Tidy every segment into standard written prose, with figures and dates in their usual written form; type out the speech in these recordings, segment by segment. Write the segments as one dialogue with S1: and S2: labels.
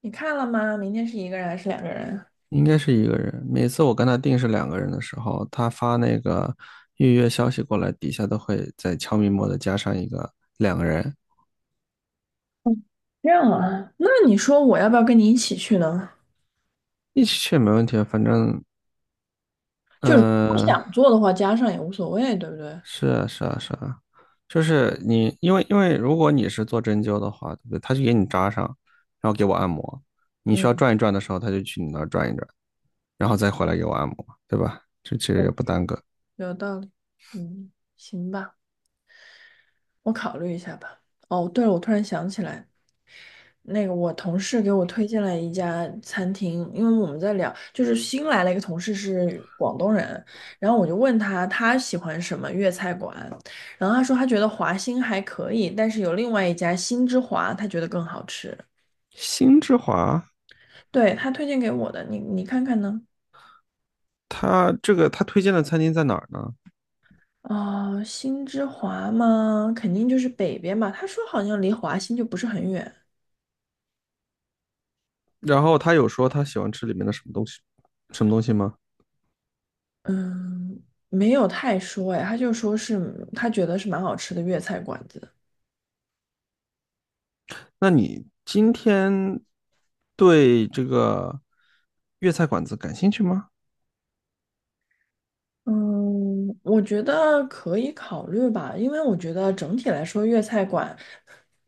S1: 你看了吗？明天是一个人还是两个人啊？
S2: 应该是一个人。每次我跟他定是两个人的时候，他发那个预约消息过来，底下都会在悄咪末的加上一个两个人，
S1: 这样啊，那你说我要不要跟你一起去呢？
S2: 一起去没问题啊。反正，
S1: 就是不
S2: 嗯、
S1: 想做的话，加上也无所谓，对不对？
S2: 是啊，是啊，是啊，就是你，因为如果你是做针灸的话，对不对？他就给你扎上，然后给我按摩。你需要
S1: 嗯，
S2: 转一转的时候，他就去你那儿转一转，然后再回来给我按摩，对吧？这其实也
S1: 嗯，
S2: 不耽搁。
S1: 有道理。嗯，行吧，我考虑一下吧。哦，对了，我突然想起来，那个我同事给我推荐了一家餐厅，因为我们在聊，就是新来了一个同事是广东人，然后我就问他喜欢什么粤菜馆，然后他说他觉得华兴还可以，但是有另外一家新之华，他觉得更好吃。
S2: 星之华，
S1: 对，他推荐给我的，你看看呢？
S2: 他这个他推荐的餐厅在哪儿呢？
S1: 啊、新之华吗？肯定就是北边吧。他说好像离华新就不是很远。
S2: 然后他有说他喜欢吃里面的什么东西，什么东西吗？
S1: 嗯，没有太说哎，他就说是他觉得是蛮好吃的粤菜馆子。
S2: 那你今天对这个粤菜馆子感兴趣吗？
S1: 嗯，我觉得可以考虑吧，因为我觉得整体来说粤菜馆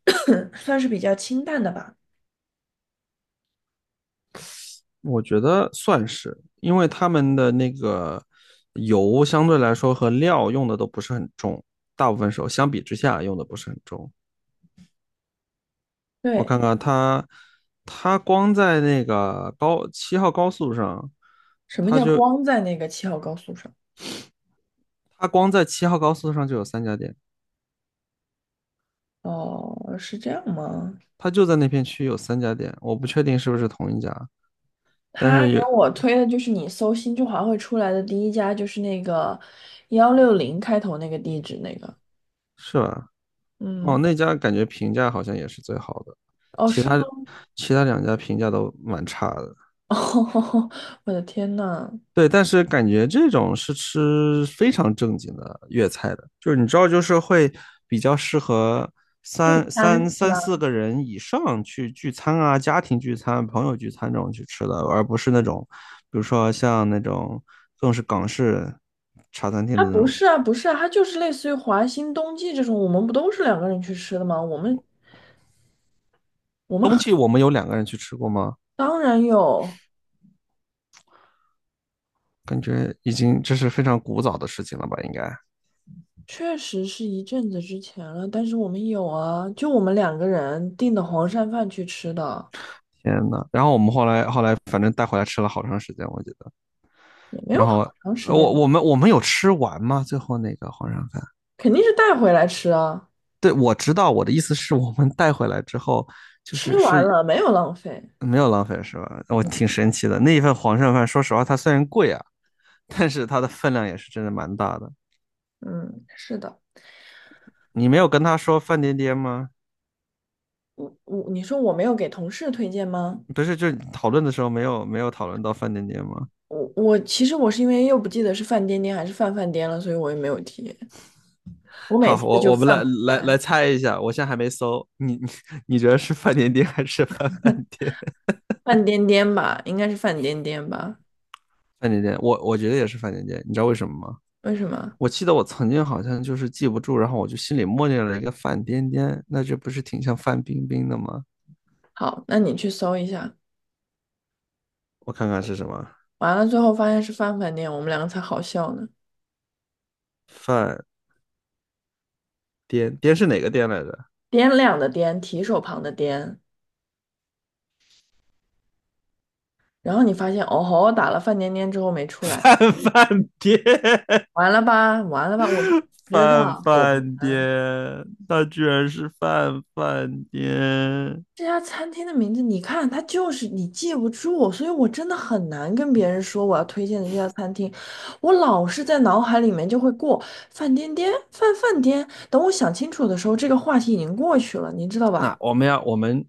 S1: 算是比较清淡的吧。
S2: 我觉得算是，因为他们的那个油相对来说和料用的都不是很重，大部分时候相比之下用的不是很重。我
S1: 对。
S2: 看看他，他光在那个高七号高速上，
S1: 什么叫光在那个七号高速上？
S2: 他光在七号高速上就有三家店，
S1: 哦，是这样吗？
S2: 他就在那片区有三家店，我不确定是不是同一家。但
S1: 他
S2: 是
S1: 给
S2: 也
S1: 我推的就是你搜新中华会出来的第一家，就是那个幺六零开头那个地址那个。
S2: 是吧？哦，
S1: 嗯。
S2: 那家感觉评价好像也是最好的，
S1: 哦，
S2: 其
S1: 是吗？
S2: 他其他两家评价都蛮差的。
S1: 哦，我的天呐。
S2: 对，但是感觉这种是吃非常正经的粤菜的，就是你知道，就是会比较适合
S1: 聚
S2: 三
S1: 餐
S2: 三
S1: 是
S2: 三
S1: 吧？
S2: 四个人以上去聚餐啊，家庭聚餐、朋友聚餐这种去吃的，而不是那种，比如说像那种更是港式茶餐厅
S1: 它
S2: 的那
S1: 不
S2: 种。
S1: 是啊，不是啊，它就是类似于华兴冬季这种，我们不都是两个人去吃的吗？我们我们
S2: 冬
S1: 很
S2: 季我们有两个人去吃过吗？
S1: 当然有，
S2: 感觉已经这是非常古早的事情了吧？应该，
S1: 确实是一阵子之前了，但是我们有啊，就我们两个人订的黄鳝饭去吃的。
S2: 天呐，然后我们后来反正带回来吃了好长时间，我记得。
S1: 也没
S2: 然
S1: 有
S2: 后
S1: 好长时间
S2: 我
S1: 吧。
S2: 我们我们有吃完吗？最后那个黄鳝饭？
S1: 肯定是带回来吃啊。
S2: 对，我知道，我的意思是我们带回来之后，就是
S1: 吃完
S2: 是
S1: 了，没有浪费。
S2: 没有浪费是吧？我
S1: 嗯。
S2: 挺神奇的，那一份黄鳝饭，说实话它虽然贵啊，但是它的分量也是真的蛮大的。
S1: 嗯，是的。
S2: 你没有跟他说范颠颠吗？
S1: 我你说我没有给同事推荐吗？
S2: 不是，就是讨论的时候没有讨论到范颠颠吗？
S1: 我其实我是因为又不记得是范颠颠还是范范颠了，所以我也没有提。我每
S2: 好，
S1: 次
S2: 我
S1: 就
S2: 我们
S1: 犯
S2: 来
S1: 不出
S2: 来
S1: 来。
S2: 来猜一下，我现在还没搜，你 你觉得是范店店还是范饭店？
S1: 范颠颠吧，应该是范颠颠吧？
S2: 范店店，我觉得也是范店店，你知道为什么吗？
S1: 为什么？
S2: 我记得我曾经好像就是记不住，然后我就心里默念了一个范颠颠，那这不是挺像范冰冰的吗？
S1: 好，那你去搜一下。
S2: 我看看是什么，
S1: 完了，最后发现是范范颠，我们两个才好笑呢。
S2: 范颠颠是哪个颠来着？
S1: 掂量的掂，提手旁的掂，然后你发现哦吼，打了范颠颠之后没 出来。
S2: 范范颠，
S1: 完了吧，完了吧，我知
S2: 范
S1: 道，果
S2: 范
S1: 然。
S2: 颠，他居然是范范颠。
S1: 这家餐厅的名字，你看，它就是你记不住，所以我真的很难跟别人说我要推荐的这家餐厅。我老是在脑海里面就会过饭颠颠”“饭饭颠”，等我想清楚的时候，这个话题已经过去了，你知道
S2: 那
S1: 吧？
S2: 我们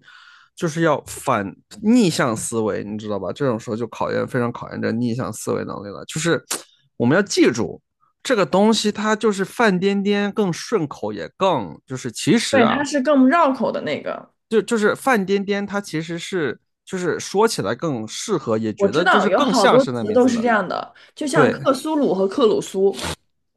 S2: 就是要逆向思维，你知道吧？这种时候就考验非常考验这逆向思维能力了。就是我们要记住这个东西，它就是范颠颠更顺口，也更就是其实
S1: 对，它
S2: 啊，
S1: 是更绕口的那个。
S2: 就是范颠颠，它其实是就是说起来更适合，也
S1: 我
S2: 觉
S1: 知
S2: 得就
S1: 道
S2: 是
S1: 有
S2: 更
S1: 好
S2: 像
S1: 多
S2: 是那
S1: 词
S2: 名
S1: 都
S2: 字
S1: 是这
S2: 的。
S1: 样的，就像
S2: 对
S1: 克苏鲁和克鲁苏。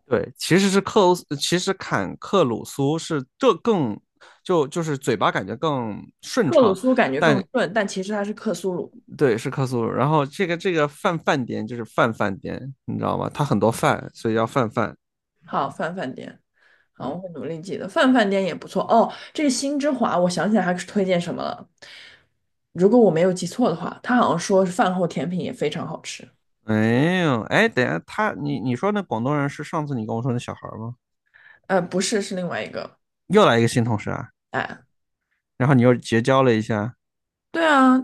S2: 对，其实坎克鲁苏是这更就是嘴巴感觉更顺
S1: 克鲁
S2: 畅，
S1: 苏感觉更
S2: 但
S1: 顺，但其实它是克苏鲁。
S2: 对，是克苏鲁。然后这个饭饭店就是饭饭店，你知道吗？它很多饭，所以叫饭饭。
S1: 好，饭饭店。好，
S2: 嗯，
S1: 我会努力记得。饭饭店也不错哦。这个新之华，我想起来还是推荐什么了。如果我没有记错的话，他好像说是饭后甜品也非常好吃。
S2: 哎呦，哎，等一下你说那广东人是上次你跟我说那小孩儿吗？
S1: 呃，不是，是另外一个。
S2: 又来一个新同事啊，
S1: 哎。
S2: 然后你又结交了一下。
S1: 对啊，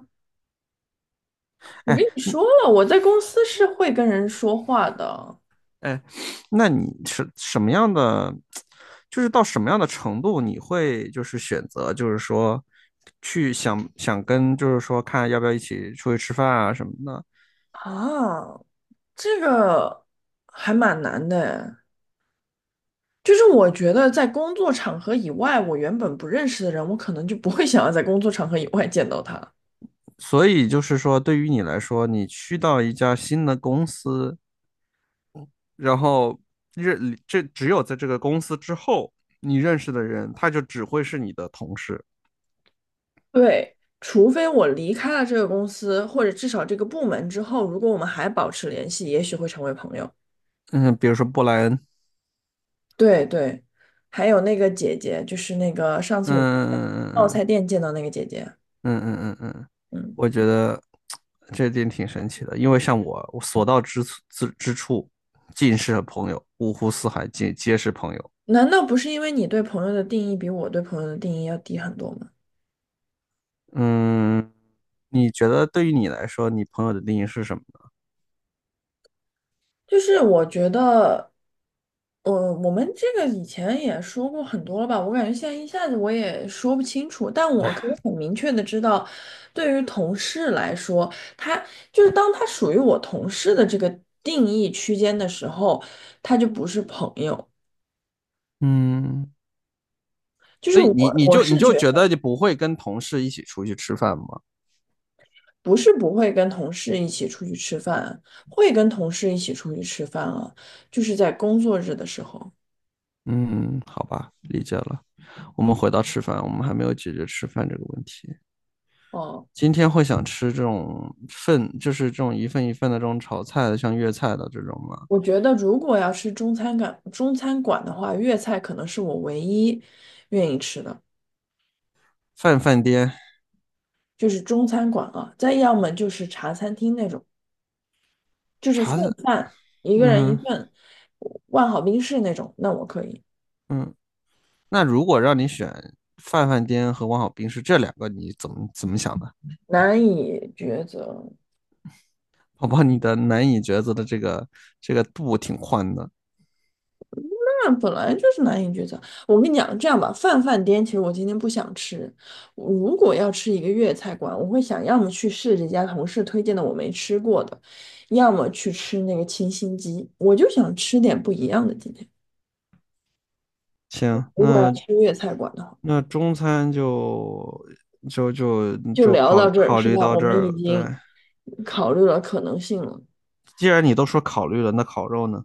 S1: 我
S2: 哎
S1: 跟你说了，我在公司是会跟人说话的
S2: 哎，那你是什么样的？就是到什么样的程度你会就是选择，就是说去想想跟，就是说看要不要一起出去吃饭啊什么的。
S1: 啊。这个还蛮难的哎。就是我觉得在工作场合以外，我原本不认识的人，我可能就不会想要在工作场合以外见到他。
S2: 所以就是说，对于你来说，你去到一家新的公司，然后只有在这个公司之后，你认识的人，他就只会是你的同事。
S1: 对，除非我离开了这个公司，或者至少这个部门之后，如果我们还保持联系，也许会成为朋友。
S2: 嗯，比如说布莱恩，
S1: 对对，还有那个姐姐，就是那个上次
S2: 嗯
S1: 我们在泡菜
S2: 嗯
S1: 店见到那个姐姐。
S2: 嗯嗯嗯嗯嗯，
S1: 嗯，
S2: 我觉得这点挺神奇的，因为像我，我所到之处之之处，尽是朋友，五湖四海皆是朋友。
S1: 难道不是因为你对朋友的定义比我对朋友的定义要低很多吗？
S2: 嗯，你觉得对于你来说，你朋友的定义是什么呢？
S1: 就是我觉得我们这个以前也说过很多了吧，我感觉现在一下子我也说不清楚，但我可以很明确的知道，对于同事来说，他就是当他属于我同事的这个定义区间的时候，他就不是朋友。
S2: 嗯。
S1: 就是
S2: 所以
S1: 我我
S2: 你
S1: 是
S2: 就
S1: 觉
S2: 觉得
S1: 得
S2: 你不会跟同事一起出去吃饭吗？
S1: 不是不会跟同事一起出去吃饭，会跟同事一起出去吃饭啊，就是在工作日的时候。
S2: 嗯，好吧，理解了。我们回到吃饭，我们还没有解决吃饭这个问题。
S1: 哦。
S2: 今天会想吃这种份，就是这种一份一份的这种炒菜的，像粤菜的这种吗？
S1: 我觉得如果要吃中餐馆的话，粤菜可能是我唯一愿意吃的，
S2: 饭饭颠
S1: 就是中餐馆啊。再要么就是茶餐厅那种，就是份
S2: 茶的，
S1: 饭，一个人一
S2: 嗯哼。
S1: 份，万好冰室那种，那我可以。
S2: 那如果让你选饭饭颠和王小兵是这两个，你怎么想的？
S1: 难以抉择。
S2: 宝宝，你的难以抉择的这个度挺宽的。
S1: 饭本来就是难以抉择。我跟你讲，这样吧，饭饭店其实我今天不想吃。我如果要吃一个粤菜馆，我会想要么去试这家同事推荐的我没吃过的，要么去吃那个清新鸡。我就想吃点不一样的。今天
S2: 行，
S1: 如果要
S2: 那
S1: 吃粤菜馆的话，
S2: 那中餐就就就
S1: 就
S2: 就
S1: 聊
S2: 考
S1: 到这儿，
S2: 考
S1: 是
S2: 虑
S1: 吧？
S2: 到
S1: 我
S2: 这
S1: 们
S2: 儿
S1: 已
S2: 了。对，
S1: 经考虑了可能性了。
S2: 既然你都说考虑了，那烤肉呢？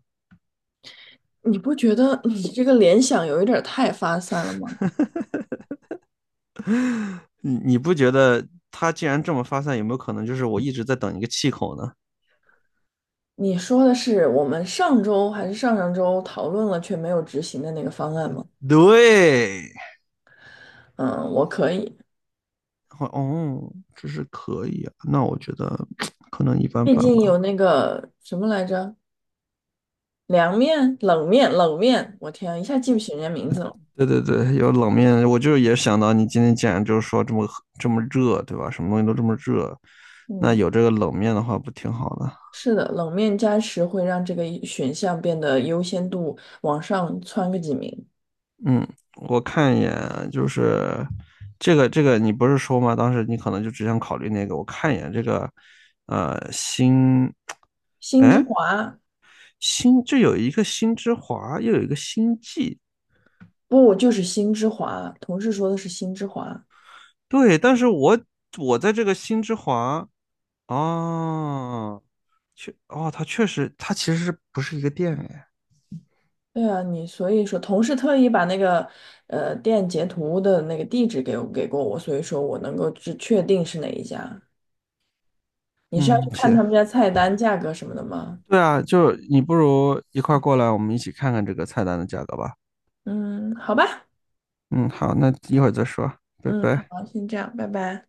S1: 你不觉得你这个联想有一点儿太发散了吗？
S2: 你不觉得它既然这么发散，有没有可能就是我一直在等一个气口呢？
S1: 你说的是我们上周还是上上周讨论了却没有执行的那个方案吗？
S2: 对，
S1: 嗯，我可以。
S2: 哦，这是可以啊。那我觉得可能一般
S1: 毕
S2: 般
S1: 竟
S2: 吧。
S1: 有那个什么来着，凉面、冷面、冷面，我天啊，一下记不起人家名字了。
S2: 对对对，有冷面，我就也想到你今天既然就是说这么热，对吧？什么东西都这么热，那
S1: 嗯，
S2: 有这个冷面的话不挺好的？
S1: 是的，冷面加持会让这个选项变得优先度往上窜个几名。
S2: 嗯，我看一眼啊，就是这个，你不是说吗？当时你可能就只想考虑那个。我看一眼这个，呃，新，
S1: 星之
S2: 哎，
S1: 华。
S2: 新，这有一个新之华，又有一个星际，
S1: 不，就是星之华，同事说的是星之华。
S2: 对。但是我在这个新之华，哦，确，哦，它确实，它其实是不是一个店哎？
S1: 对啊，你所以说同事特意把那个店截图的那个地址给我给过我，所以说我能够去确定是哪一家。你是要去
S2: 嗯，
S1: 看
S2: 行，
S1: 他们家菜单、价格什么的吗？
S2: 对啊，就你不如一块儿过来，我们一起看看这个菜单的价格吧。
S1: 嗯，好吧。
S2: 嗯，好，那一会儿再说，拜
S1: 嗯，
S2: 拜。
S1: 好，先这样，拜拜。